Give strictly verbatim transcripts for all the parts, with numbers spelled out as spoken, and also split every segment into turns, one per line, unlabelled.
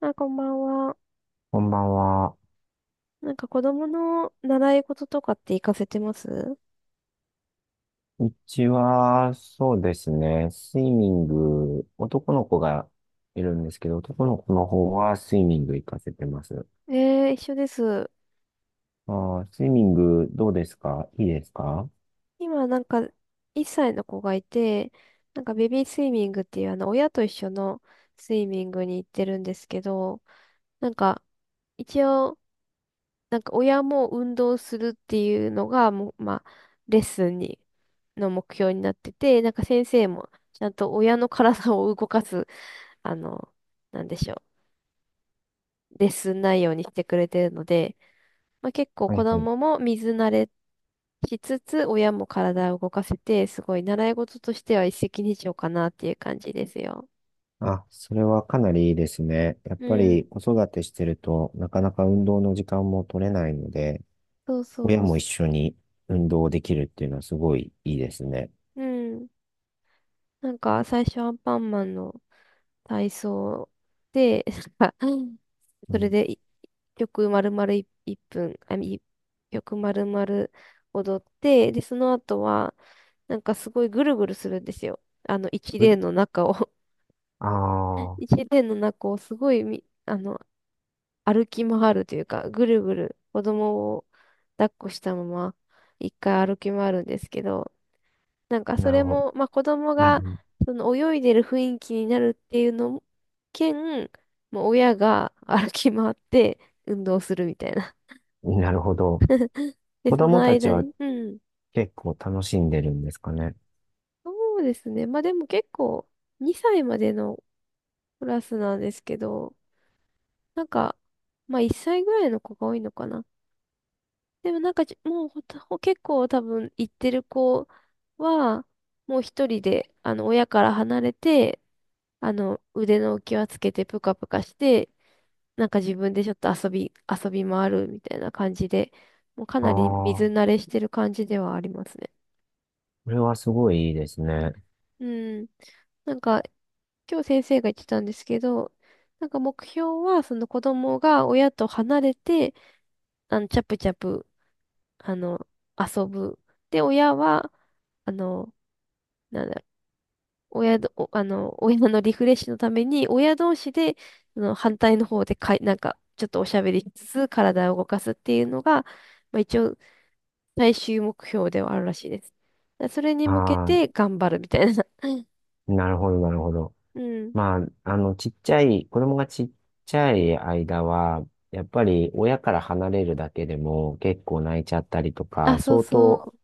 あ、こんばんは。
こんばんは。
なんか子供の習い事とかって行かせてます？
うちは、そうですね、スイミング、男の子がいるんですけど、男の子の方はスイミング行かせてます。
えー、一緒です。
あー、スイミングどうですか？いいですか？
今なんかいっさいの子がいて、なんかベビースイミングっていうあの親と一緒のスイミングに行ってるんですけど、なんか一応なんか親も運動するっていうのがもう、まあ、レッスンにの目標になってて、なんか先生もちゃんと親の体を動かす、あの、なんでしょう、レッスン内容にしてくれてるので、まあ、結構
は
子
いはい。
供も水慣れしつつ、親も体を動かせて、すごい習い事としては一石二鳥かなっていう感じですよ。
あ、それはかなりいいですね。やっ
う
ぱり
ん。
子育てしてると、なかなか運動の時間も取れないので、
そう
親
そう。
も一緒に運動できるっていうのはすごいいいですね。
うん。なんか最初アンパンマンの体操で、なんか
う
それ
ん。
でい曲丸々い1分、あ、い曲丸々踊って、で、その後は、なんかすごいぐるぐるするんですよ。あの一連の中を
ああ
一年の中をすごいみ、あの、歩き回るというか、ぐるぐる子供を抱っこしたまま、一回歩き回るんですけど、なんか
ー、
そ
なる
れ
ほど。
も、まあ子供
う
が
ん
その泳いでる雰囲気になるっていうのも兼、もう親が歩き回って運動するみたいな。
うん、なるほど。
で、
子
その
供たち
間
は
に、うん。
結構楽しんでるんですかね。
そうですね。まあでも結構、にさいまでのクラスなんですけど、なんか、まあいっさいぐらいの子が多いのかな。でもなんかじ、もうほたほ結構多分行ってる子は、もう一人で、あの、親から離れて、あの、腕の浮き輪つけてぷかぷかして、なんか自分でちょっと遊び、遊び回るみたいな感じで、もうかなり水
ああ、
慣れしてる感じではありますね。
これはすごいいいですね。
うん。なんか、今日先生が言ってたんですけど、なんか目標は、その子供が親と離れて、あの、チャプチャプ、あの、遊ぶ。で、親は、あの、なんだ、親ど、おあの、親のリフレッシュのために、親同士で、その反対の方でかい、なんか、ちょっとおしゃべりしつつ、体を動かすっていうのが、まあ、一応、最終目標ではあるらしいです。だそれに向け
あ
て頑張るみたいな。
あ、なるほど、なるほど。
うん。
まあ、あの、ちっちゃい、子供がちっちゃい間は、やっぱり親から離れるだけでも結構泣いちゃったりと
あ、
か、
そう
相
そ
当
う。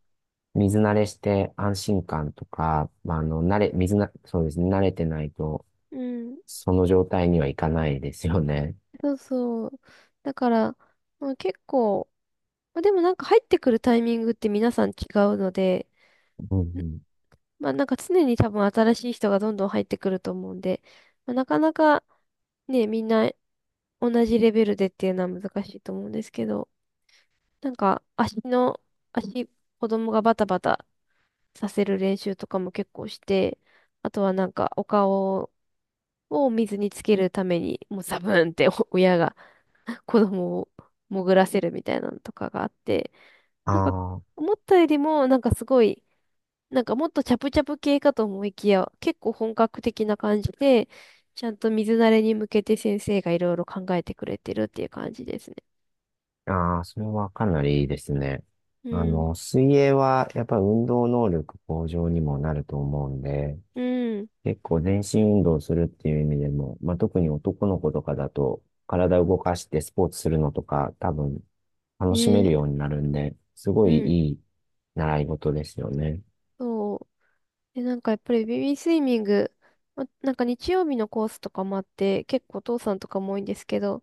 水慣れして安心感とか、まあ、あの、慣れ、水な、そうですね、慣れてないと、
うん。
その状態にはいかないですよね。
そうそう。だから、まあ、結構、まあ、でもなんか入ってくるタイミングって皆さん違うので、
うんうん、
まあなんか常に多分新しい人がどんどん入ってくると思うんで、まあ、なかなかね、みんな同じレベルでっていうのは難しいと思うんですけど、なんか足の、足、子供がバタバタさせる練習とかも結構して、あとはなんかお顔を水につけるために、もうザブーンってお親が 子供を潜らせるみたいなのとかがあって、なんか
ああ。
思ったよりもなんかすごい、なんかもっとチャプチャプ系かと思いきや、結構本格的な感じで、ちゃんと水慣れに向けて先生がいろいろ考えてくれてるっていう感じですね。
ああ、それはかなりいいですね。
う
あ
ん。
の、水泳はやっぱ運動能力向上にもなると思うんで、
うん。
結構全身運動するっていう意味でも、まあ、特に男の子とかだと、体を動かしてスポーツするのとか、多分楽しめる
ね、
ようになるんで、すご
う
い
ん。
いい習い事ですよね。
そう。で、なんかやっぱりベビースイミング、まなんか日曜日のコースとかもあって、結構お父さんとかも多いんですけど、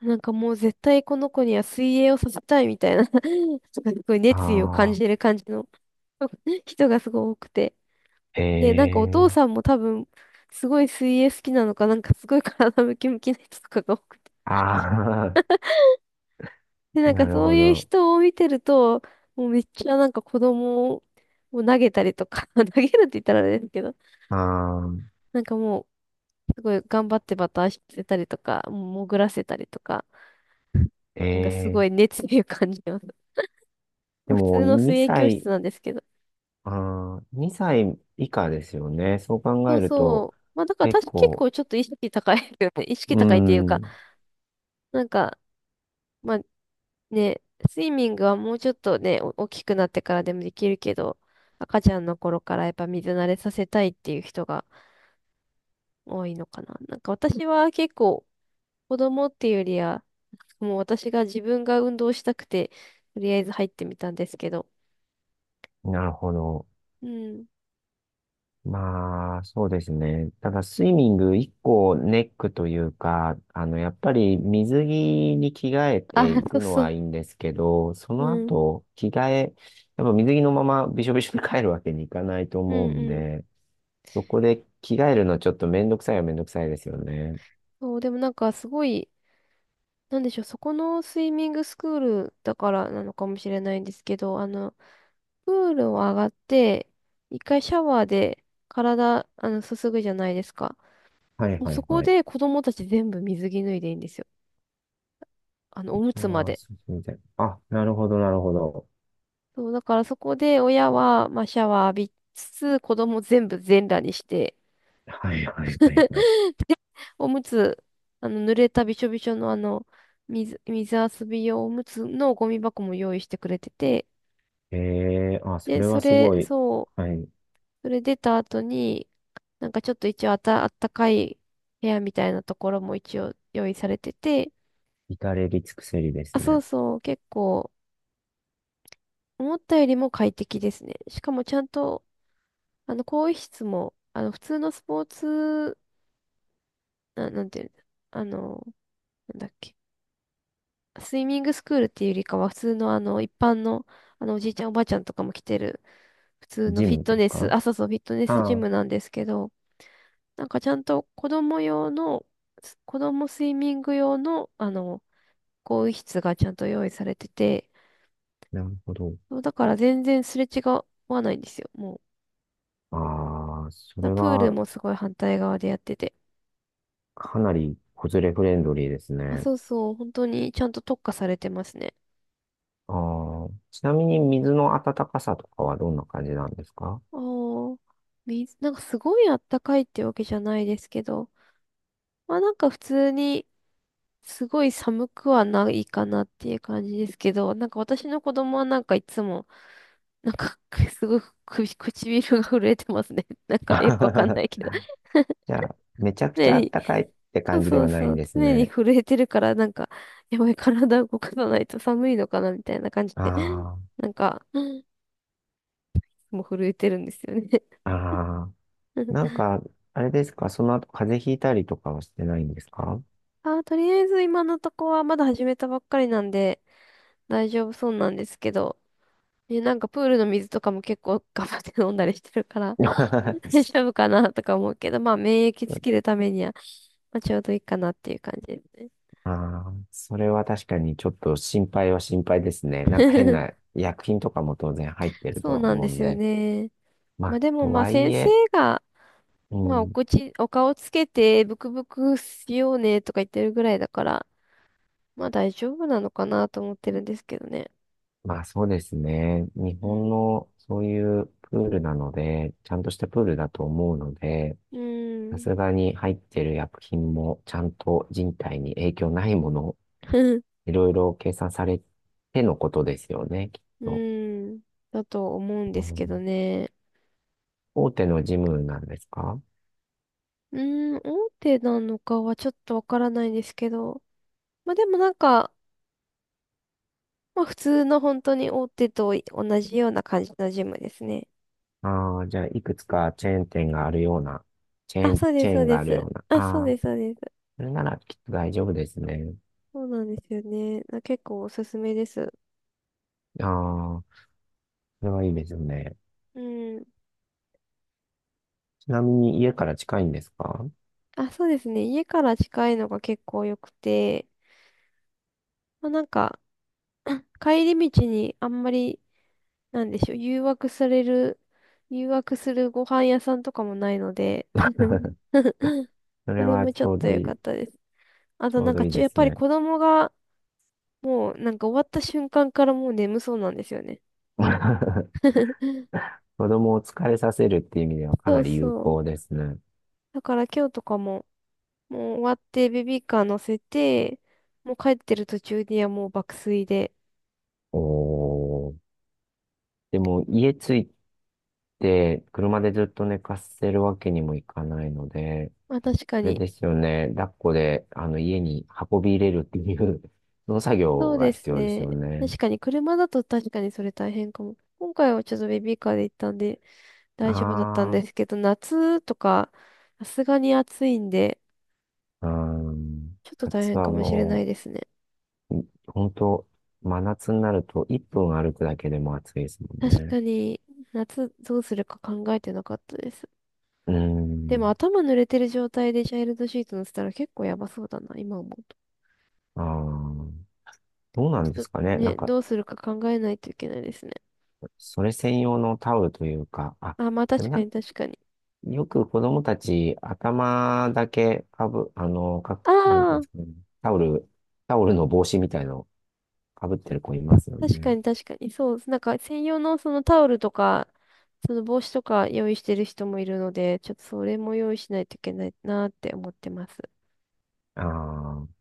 なんかもう絶対この子には水泳をさせたいみたいな、 なんか すごい熱意を感
ああ、
じる感じの 人がすごい多くて。
え
で、なんかお父
え、
さんも多分、すごい水泳好きなのか、なんかすごい体ムキムキな人とかが多くて、
ああ、
で、なんか
なる
そう
ほ
いう
ど。
人を見てると、もうめっちゃなんか子供を投げたりとか、投げるって言ったらあれですけど、
ああ、
なんかもう、すごい頑張ってバターしてせたりとか、もう潜らせたりとか、
え
なんかすご
え、
い熱意を感じます。ま
で
あ普
も
通の水泳
2
教室
歳、
なんですけど。
ああ、にさい以下ですよね。そう考
そう
える
そ
と、
う。まあだから
結
確か結
構、
構ちょっと意識高いよね。意
う
識
ー
高いっていうか、
ん、
なんか、まあね、スイミングはもうちょっとね、お大きくなってからでもできるけど、赤ちゃんの頃からやっぱ水慣れさせたいっていう人が多いのかな。なんか私は結構子供っていうよりは、もう私が自分が運動したくて、とりあえず入ってみたんですけど。
なるほど。
うん。
まあ、そうですね。ただ、スイミング一個ネックというか、あの、やっぱり水着に着替え
あ、
て い
そう
くの
そ
は
う。
いいんですけど、そ
う
の
ん。
後、着替え、やっぱ水着のままびしょびしょに帰るわけにいかないと
う
思
ん
うん
うん。
で、そこで着替えるのちょっとめんどくさいはめんどくさいですよね。
そう、でもなんかすごい、なんでしょう、そこのスイミングスクールだからなのかもしれないんですけど、あの、プールを上がって、一回シャワーで体、あの、すすぐじゃないですか。
はい
もう
は
そ
い
こ
はい。
で子供たち全部水着脱いでいいんですよ。あの、お
シ
む
ャ
つま
ワー
で。
すみたい。あ、なるほど、なるほど。
そう、だからそこで親は、まあ、シャワー浴びつつ、子供全部全裸にして、
はいはいはいはい。
でおむつ、あの、濡れたびしょびしょのあの、水、水遊び用おむつのゴミ箱も用意してくれてて、
ええー、あ、そ
で、
れ
そ
はす
れ、
ごい、
そう、
はい、
それ出た後に、なんかちょっと一応あた、あったかい部屋みたいなところも一応用意されてて、
至れり尽くせりです
あ、そう
ね。
そう、結構、思ったよりも快適ですね。しかもちゃんと、あの、更衣室も、あの、普通のスポーツな、なんていうんだ、あの、なんだっけ。スイミングスクールっていうよりかは、普通のあの、一般の、あの、おじいちゃんおばあちゃんとかも来てる、普通の
ジ
フィッ
ム
ト
です
ネス、
か？
あ、そうそう、フィットネスジ
ああ、
ムなんですけど、なんかちゃんと子供用の、す子供スイミング用の、あの、更衣室がちゃんと用意されてて、
なるほど。
そうだから全然すれ違わないんですよ、もう。
ああ、そ
だ
れ
プール
は
もすごい反対側でやってて。
かなり子連れフレンドリーです
あ、
ね。
そうそう、本当にちゃんと特化されてますね。
ああ、ちなみに水の温かさとかはどんな感じなんですか？
おー、水、なんかすごいあったかいってわけじゃないですけど、まあなんか普通にすごい寒くはないかなっていう感じですけど、なんか私の子供はなんかいつも、なんか すごく首唇が震えてますね。なんかよくわかんな いけ
じ
ど。
ゃあ、めちゃくち
常
ゃ
に、
暖かいって
そう
感じで
そ
は
う
ない
そ
ん
う、
です
常に
ね。
震えてるから、なんか、やばい、体を動かさないと寒いのかなみたいな感じで、
あ
なんか、もう震えてるんですよね。
あ、ああ、なんか、あれですか、その後風邪ひいたりとかはしてないんですか？
あ、とりあえず今のとこはまだ始めたばっかりなんで大丈夫そうなんですけど、ね、なんかプールの水とかも結構頑張って飲んだりしてるから、 大
そう。
丈夫かなとか思うけど、まあ免疫つけるためには、まあ、ちょうどいいかなっていう感じですね。
ああ、それは確かにちょっと心配は心配ですね。なんか変な 薬品とかも当然入ってると
そう
は
なん
思
で
うん
すよ
で。
ね。
ま
まあ
あ、
でも
と
まあ
はい
先生
え、
が、
う
まあお
ん、
口、お顔つけてブクブクしようねとか言ってるぐらいだから、まあ大丈夫なのかなと思ってるんですけどね。
まあそうですね。日
う
本
ん。
のそういうプールなので、ちゃんとしたプールだと思うので、
う
さ
ん。
すがに入ってる薬品もちゃんと人体に影響ないもの、いろいろ計算されてのことですよね、きっ
う
と。
ん。だと思うん
う
です
ん、
けどね。
大手のジムなんですか？
うん、大手なのかはちょっとわからないんですけど。まあでもなんか、まあ普通の本当に大手と同じような感じのジムですね。
ああ、じゃあ、いくつかチェーン店があるような、チェー
あ、
ン、
そうで
チ
す、
ェー
そう
ン
で
があるよ
す。
うな。
あ、そう
あ
で
あ、
す、そうです。
それならきっと大丈夫ですね。
そうなんですよね。な結構おすすめです。
ああ、それはいいですよね。
うん。
ちなみに家から近いんですか？
あ、そうですね。家から近いのが結構良くて、まあなんか、帰り道にあんまりなんでしょう、誘惑される、誘惑するご飯屋さんとかもないので、
そ
そ
れ
れ
は
もち
ち
ょっ
ょう
と
ど
良
いい、
かっ
ち
たです。あと
ょ
な
う
ん
ど
か
いい
ちょ、
で
やっ
す
ぱり
ね。
子供が、もうなんか終わった瞬間からもう眠そうなんですよね。
子供を疲れさせるっていう意味ではか
そ
な
う
り有
そ
効
う。
ですね。
だから今日とかも、もう終わってベビーカー乗せて、もう帰ってる途中にはもう爆睡で。
おー。でも、家着いて、車でずっと寝かせるわけにもいかないので、
まあ確か
あれ
に、
ですよね。抱っこで、あの、家に運び入れるっていう その作業
そう
が
で
必
す
要です
ね。
よね。
確かに車だと確かにそれ大変かも。今回はちょっとベビーカーで行ったんで、大丈夫だったん
あ
ですけど、夏とか、さすがに暑いんで、
あ、うん。
ちょっと大
夏
変
は
かもしれない
も
ですね。
う、本当真夏になるといっぷん歩くだけでも暑いですもん
確
ね。
かに、夏どうするか考えてなかったです。
う
でも
ん。
頭濡れてる状態でチャイルドシート乗せたら結構やばそうだな、今思うと。
ああ、どうなん
ち
で
ょっ
すか
と
ね。な
ね、
んか、
どうするか考えないといけないですね。
それ専用のタオルというか、あ、
あ、まあ
でも
確か
なん
に確かに。
よく子供たち、頭だけかぶ、あの、か、
あ
なんていうん
あ、
ですかね。タオル、タオルの帽子みたいのをかぶってる子いますよ
確か
ね。
に確かに。そう、なんか専用のそのタオルとか、その帽子とか用意してる人もいるので、ちょっとそれも用意しないといけないなーって思ってます。
ああ。